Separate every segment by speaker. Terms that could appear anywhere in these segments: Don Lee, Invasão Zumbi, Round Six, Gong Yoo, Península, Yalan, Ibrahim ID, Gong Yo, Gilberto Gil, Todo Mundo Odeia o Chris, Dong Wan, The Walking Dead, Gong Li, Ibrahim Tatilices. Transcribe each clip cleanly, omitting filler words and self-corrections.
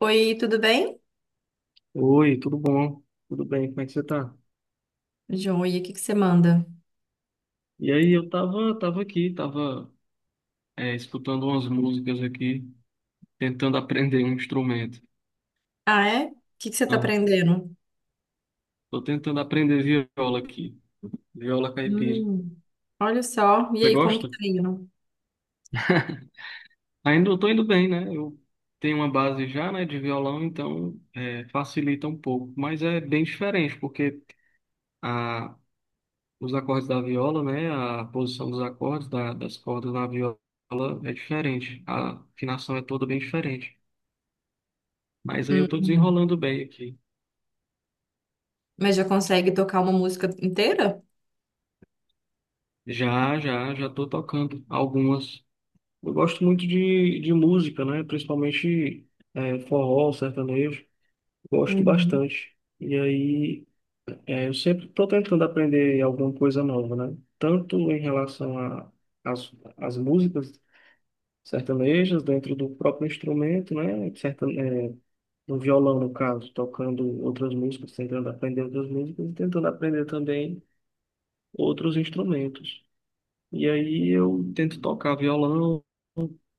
Speaker 1: Oi, tudo bem?
Speaker 2: Oi, tudo bom? Tudo bem, como é que você tá?
Speaker 1: Joia, o que que você manda?
Speaker 2: E aí, eu tava aqui, escutando umas músicas aqui, tentando aprender um instrumento.
Speaker 1: Ah, é? O que que você tá
Speaker 2: Ah,
Speaker 1: aprendendo?
Speaker 2: tô tentando aprender viola aqui, viola caipira.
Speaker 1: Hum, olha só. E
Speaker 2: Você
Speaker 1: aí, como que
Speaker 2: gosta?
Speaker 1: tá indo?
Speaker 2: Ainda eu tô indo bem, né? Eu tenho uma base já, né, de violão, então facilita um pouco. Mas é bem diferente, porque a, os acordes da viola, né, a posição dos acordes, das cordas na viola é diferente. A afinação é toda bem diferente. Mas aí eu tô
Speaker 1: Hum,
Speaker 2: desenrolando bem aqui.
Speaker 1: mas já consegue tocar uma música inteira?
Speaker 2: Já, já, já tô tocando algumas. Eu gosto muito de música, né? Principalmente forró, sertanejo. Gosto
Speaker 1: Uhum.
Speaker 2: bastante. E aí eu sempre tô tentando aprender alguma coisa nova, né? Tanto em relação a as, as músicas sertanejas dentro do próprio instrumento, né? No violão, no caso, tocando outras músicas, tentando aprender outras músicas e tentando aprender também outros instrumentos. E aí eu tento tocar violão,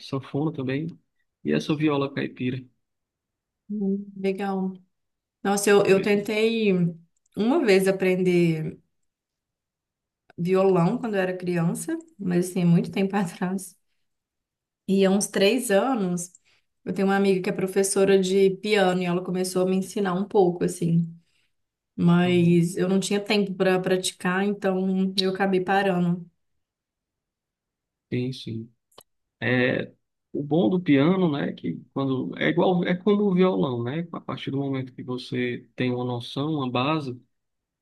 Speaker 2: sanfona também. E essa viola caipira.
Speaker 1: Legal. Nossa, eu
Speaker 2: Pois é.
Speaker 1: tentei uma vez aprender violão quando eu era criança, mas assim, é muito tempo atrás. E há uns três anos, eu tenho uma amiga que é professora de piano e ela começou a me ensinar um pouco, assim.
Speaker 2: Uhum.
Speaker 1: Mas eu não tinha tempo para praticar, então eu acabei parando.
Speaker 2: Sim, sim. É, o bom do piano, né, que quando é igual, é como o violão, né? A partir do momento que você tem uma noção, uma base,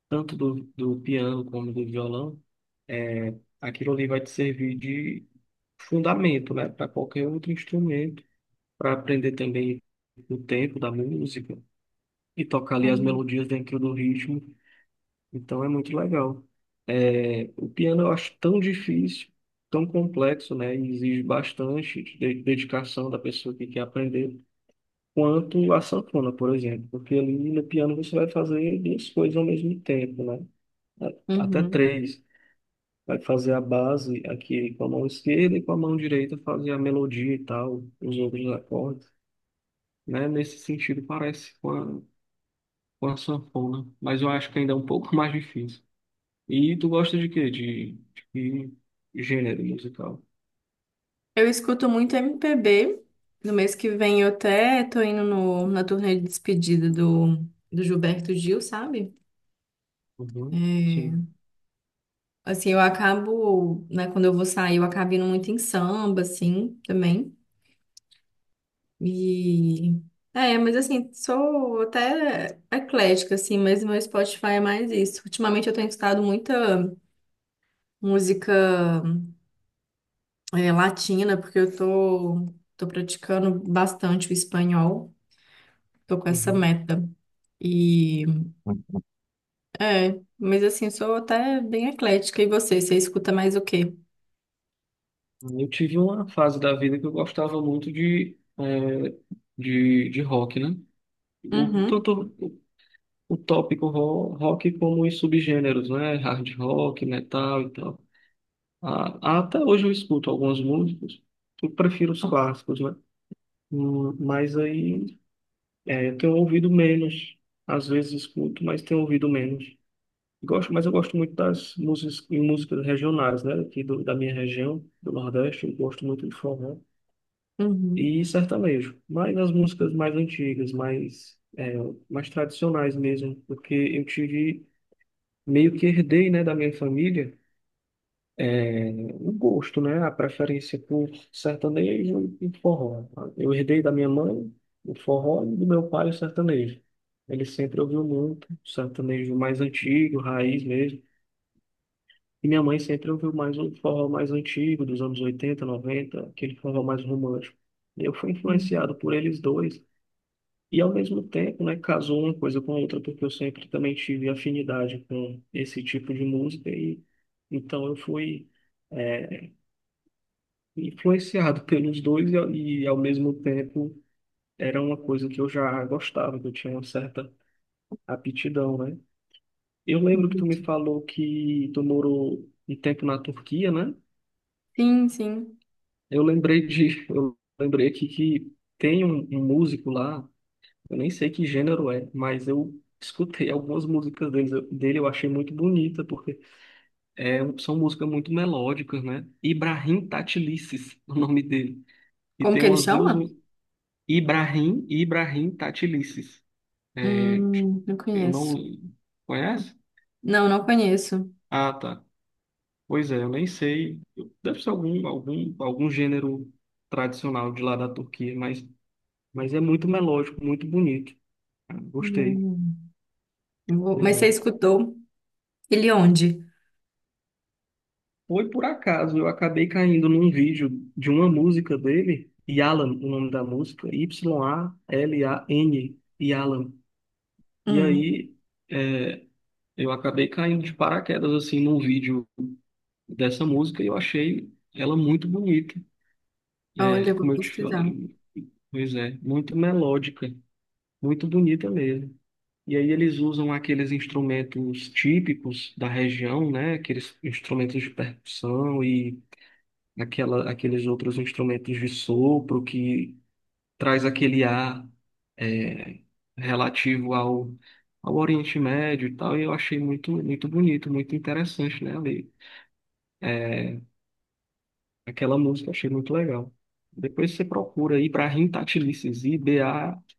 Speaker 2: tanto do piano como do violão, aquilo ali vai te servir de fundamento, né, para qualquer outro instrumento, para aprender também o tempo da música e tocar ali as
Speaker 1: Uhum.
Speaker 2: melodias dentro do ritmo. Então é muito legal. É, o piano eu acho tão difícil, tão complexo, né? E exige bastante dedicação da pessoa que quer aprender, quanto a sanfona, por exemplo. Porque ali no piano você vai fazer duas coisas ao mesmo tempo, né? A- Até
Speaker 1: Uhum.
Speaker 2: três. Vai fazer a base aqui com a mão esquerda e com a mão direita fazer a melodia e tal, os outros acordes, né? Nesse sentido parece com a sanfona, mas eu acho que ainda é um pouco mais difícil. E tu gosta de quê? De que gênero musical?
Speaker 1: Eu escuto muito MPB. No mês que vem eu até tô indo na turnê de despedida do Gilberto Gil, sabe?
Speaker 2: Uhum,
Speaker 1: É,
Speaker 2: sim.
Speaker 1: assim, eu acabo, né, quando eu vou sair, eu acabo indo muito em samba, assim, também. E. É, mas assim, sou até eclética, assim, mas meu Spotify é mais isso. Ultimamente eu tenho escutado muita música. É latina, porque eu tô praticando bastante o espanhol, tô com essa
Speaker 2: Uhum.
Speaker 1: meta. E é, mas assim, eu sou até bem eclética. E você, você escuta mais o quê?
Speaker 2: Eu tive uma fase da vida que eu gostava muito de rock, né?
Speaker 1: Uhum,
Speaker 2: Tanto o tópico rock como os subgêneros, né? Hard rock, metal e tal. Ah, até hoje eu escuto alguns músicos, eu prefiro os clássicos, né? Mas aí eu tenho ouvido menos. Às vezes escuto, mas tenho ouvido menos. Gosto, mas eu gosto muito das músicas regionais, né? Aqui da minha região, do Nordeste, eu gosto muito de forró
Speaker 1: uhum,
Speaker 2: e sertanejo. Mas as músicas mais antigas, mais tradicionais mesmo, porque meio que herdei, né, da minha família, é, o gosto, né? A preferência por sertanejo e forró. Eu herdei da minha mãe o forró e do meu pai o sertanejo. Ele sempre ouviu muito sertanejo mais antigo, raiz mesmo. E minha mãe sempre ouviu mais um forró mais antigo, dos anos 80, 90, aquele forró mais romântico. Eu fui
Speaker 1: uhum.
Speaker 2: influenciado por eles dois. E ao mesmo tempo, né, casou uma coisa com a outra, porque eu sempre também tive afinidade com esse tipo de música. E então eu fui, é, influenciado pelos dois e ao mesmo tempo era uma coisa que eu já gostava, que eu tinha uma certa aptidão, né? Eu lembro que tu me
Speaker 1: Entendi.
Speaker 2: falou que tu morou um tempo na Turquia, né?
Speaker 1: Sim, sim.
Speaker 2: Eu lembrei aqui que tem um músico lá, eu nem sei que gênero é, mas eu escutei algumas músicas dele, eu achei muito bonita, porque são músicas muito melódicas, né? Ibrahim Tatilices, o nome dele. E
Speaker 1: Como
Speaker 2: tem
Speaker 1: que ele
Speaker 2: umas
Speaker 1: chama?
Speaker 2: duas, Ibrahim e Ibrahim Tatilices. É,
Speaker 1: Não
Speaker 2: eu não
Speaker 1: conheço.
Speaker 2: conhece?
Speaker 1: Não, não conheço.
Speaker 2: Ah, tá. Pois é, eu nem sei. Deve ser algum gênero tradicional de lá da Turquia, mas é muito melódico, muito bonito. Ah, gostei.
Speaker 1: Hum,
Speaker 2: Pois
Speaker 1: mas você
Speaker 2: é.
Speaker 1: escutou ele onde?
Speaker 2: Foi por acaso, eu acabei caindo num vídeo de uma música dele, Yalan, o nome da música, Y-A-L-A-N, Yalan. E
Speaker 1: Hum,
Speaker 2: aí, é, eu acabei caindo de paraquedas, assim, num vídeo dessa música e eu achei ela muito bonita.
Speaker 1: olha,
Speaker 2: É,
Speaker 1: eu vou
Speaker 2: como eu te
Speaker 1: pesquisar.
Speaker 2: falei, pois é, muito melódica, muito bonita mesmo. E aí eles usam aqueles instrumentos típicos da região, né? Aqueles instrumentos de percussão e aqueles outros instrumentos de sopro que traz aquele ar é, relativo ao Oriente Médio e tal. E eu achei muito, muito bonito, muito interessante, né, ali. É, aquela música eu achei muito legal. Depois você procura Ibrahim Tatilices, I-B-R-A-H-I-M-T-A-T-L-I-S-E-S.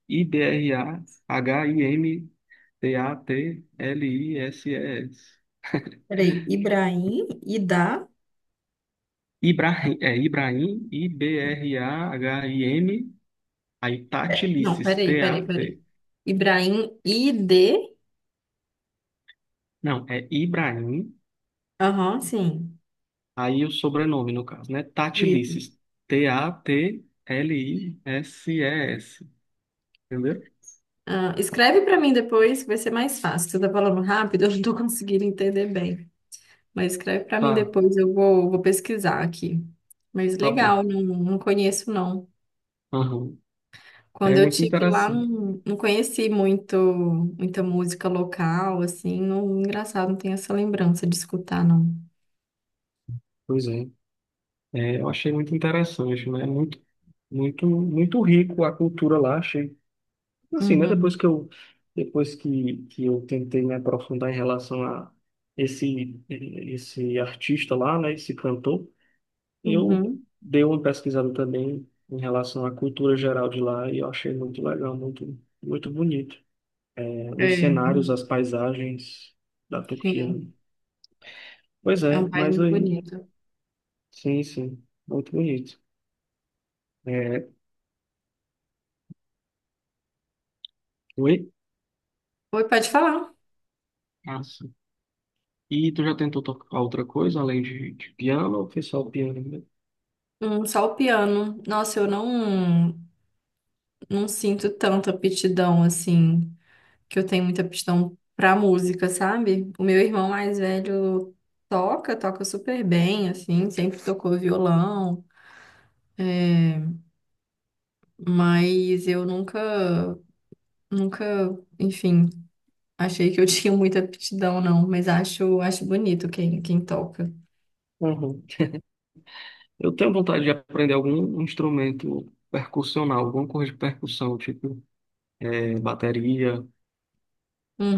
Speaker 1: Peraí, Ibrahim, Idá.
Speaker 2: A I B R A H I M T A T L I S E S. Ibrahim, é Ibrahim, I-B-R-A-H-I-M, aí
Speaker 1: É, não,
Speaker 2: Tatilices,
Speaker 1: peraí, peraí, peraí.
Speaker 2: T-A-T.
Speaker 1: Ibrahim ID.
Speaker 2: Não, é Ibrahim,
Speaker 1: Aham, sim.
Speaker 2: aí o sobrenome no caso, né?
Speaker 1: Isso.
Speaker 2: Tatilices, T-A-T-L-I-S-E-S. Entendeu?
Speaker 1: Ah, escreve para mim depois, que vai ser mais fácil. Você tá falando rápido, eu não tô conseguindo entender bem. Mas escreve para mim
Speaker 2: Tá,
Speaker 1: depois, vou pesquisar aqui. Mas
Speaker 2: tá bom.
Speaker 1: legal, não, não conheço não.
Speaker 2: Aham. É
Speaker 1: Quando eu
Speaker 2: muito
Speaker 1: tive lá,
Speaker 2: interessante.
Speaker 1: não, não conheci muito, muita música local, assim. Não, engraçado, não tenho essa lembrança de escutar, não.
Speaker 2: Pois é. É, eu achei muito interessante, né? Muito, muito, muito rico a cultura lá, achei. Assim, né?
Speaker 1: Uhum,
Speaker 2: Depois que eu tentei me aprofundar em relação a esse artista lá, né? Esse cantor, eu
Speaker 1: uhum.
Speaker 2: dei uma pesquisada também em relação à cultura geral de lá e eu achei muito legal, muito, muito bonito. É,
Speaker 1: É,
Speaker 2: os
Speaker 1: é
Speaker 2: cenários,
Speaker 1: um,
Speaker 2: as paisagens da Turquia.
Speaker 1: sim,
Speaker 2: Pois
Speaker 1: é um
Speaker 2: é,
Speaker 1: país
Speaker 2: mas
Speaker 1: muito
Speaker 2: aí,
Speaker 1: bonito.
Speaker 2: sim, sim, muito bonito. É, oi?
Speaker 1: Oi, pode falar.
Speaker 2: Ah, e tu já tentou tocar outra coisa além de piano ou foi só o piano mesmo?
Speaker 1: Só o piano. Nossa, eu não, não sinto tanta aptidão assim, que eu tenho muita aptidão pra música, sabe? O meu irmão mais velho toca super bem, assim, sempre tocou violão, mas eu nunca, nunca, enfim, achei que eu tinha muita aptidão, não, mas acho, acho bonito quem, quem toca.
Speaker 2: Uhum. Eu tenho vontade de aprender algum instrumento percussional, alguma coisa de percussão, tipo bateria,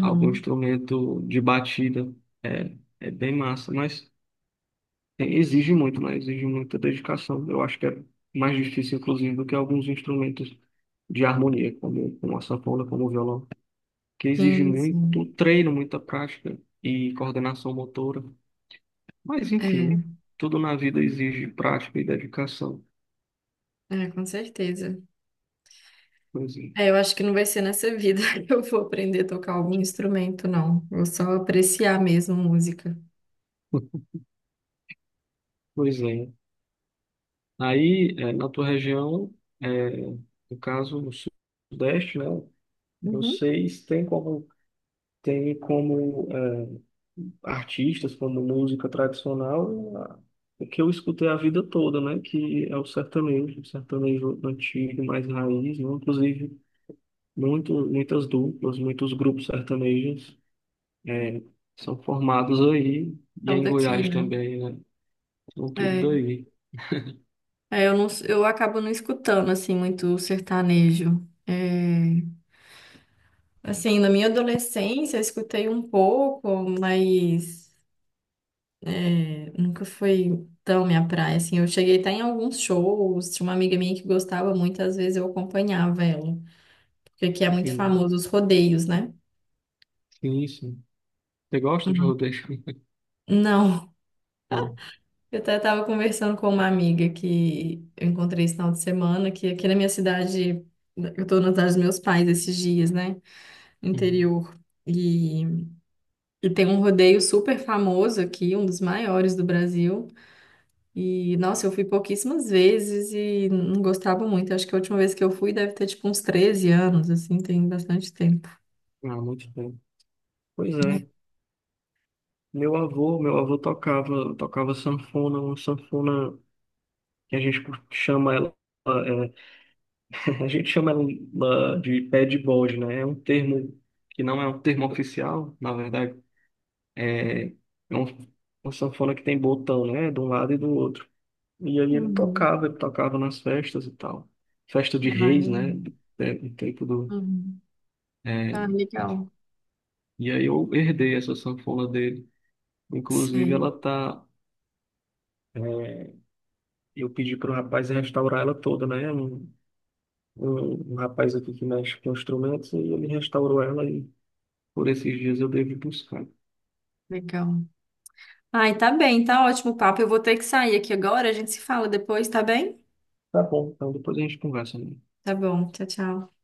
Speaker 2: algum instrumento de batida. É bem massa, mas exige muito, né? Exige muita dedicação. Eu acho que é mais difícil, inclusive, do que alguns instrumentos de harmonia, como a sanfona, como o violão, que exige
Speaker 1: Sim,
Speaker 2: muito
Speaker 1: sim.
Speaker 2: treino, muita prática e coordenação motora. Mas
Speaker 1: É,
Speaker 2: enfim, né? Tudo na vida exige prática e dedicação.
Speaker 1: é, com certeza.
Speaker 2: Pois é.
Speaker 1: É, eu acho que não vai ser nessa vida que eu vou aprender a tocar algum instrumento, não. Vou só apreciar mesmo música.
Speaker 2: Pois é. Aí, na tua região, é, no caso, no Sudeste, né?
Speaker 1: Uhum.
Speaker 2: Vocês têm como, artistas, como música tradicional, o que eu escutei a vida toda, né? Que é o sertanejo antigo, mais raiz, né? Inclusive, muitas duplas, muitos grupos sertanejos É, são formados aí, e
Speaker 1: Então,
Speaker 2: em
Speaker 1: daqui,
Speaker 2: Goiás
Speaker 1: né?
Speaker 2: também, né? São tudo
Speaker 1: É,
Speaker 2: daí.
Speaker 1: é, eu acabo não escutando, assim, muito sertanejo. É, assim, na minha adolescência, eu escutei um pouco, mas é, nunca foi tão minha praia, assim. Eu cheguei até em alguns shows, tinha uma amiga minha que gostava muito, às vezes eu acompanhava ela. Porque aqui é muito
Speaker 2: Sim,
Speaker 1: famoso os rodeios, né?
Speaker 2: sim, sim. Você gosta de rodeio?
Speaker 1: Não.
Speaker 2: Não.
Speaker 1: Eu até estava conversando com uma amiga que eu encontrei esse final de semana, que aqui na minha cidade, eu estou na cidade dos meus pais esses dias, né? No
Speaker 2: Uhum.
Speaker 1: interior. E, e tem um rodeio super famoso aqui, um dos maiores do Brasil. E, nossa, eu fui pouquíssimas vezes e não gostava muito. Acho que a última vez que eu fui deve ter, tipo, uns 13 anos, assim, tem bastante tempo.
Speaker 2: Ah, muito bem. Pois é. Meu avô tocava sanfona, uma sanfona que a gente chama ela, é, a gente chama ela de pé de bode, né? É um termo que não é um termo oficial, na verdade. É um- uma sanfona que tem botão, né? De um lado e do outro. E aí ele
Speaker 1: Uhum.
Speaker 2: tocava, ele tocava nas festas e tal. Festa de
Speaker 1: Ai,
Speaker 2: reis,
Speaker 1: legal.
Speaker 2: né? É, no tempo do.
Speaker 1: Uhum. Ah,
Speaker 2: é,
Speaker 1: legal.
Speaker 2: E aí eu herdei essa sanfona dele. Inclusive,
Speaker 1: Sei,
Speaker 2: ela tá. é, Eu pedi para o rapaz restaurar ela toda, né? Um rapaz aqui que mexe com instrumentos e ele restaurou ela e por esses dias eu devo buscar.
Speaker 1: legal. Ai, tá bem, tá ótimo o papo. Eu vou ter que sair aqui agora, a gente se fala depois, tá bem?
Speaker 2: Tá bom, então depois a gente conversa, né?
Speaker 1: Tá bom, tchau, tchau.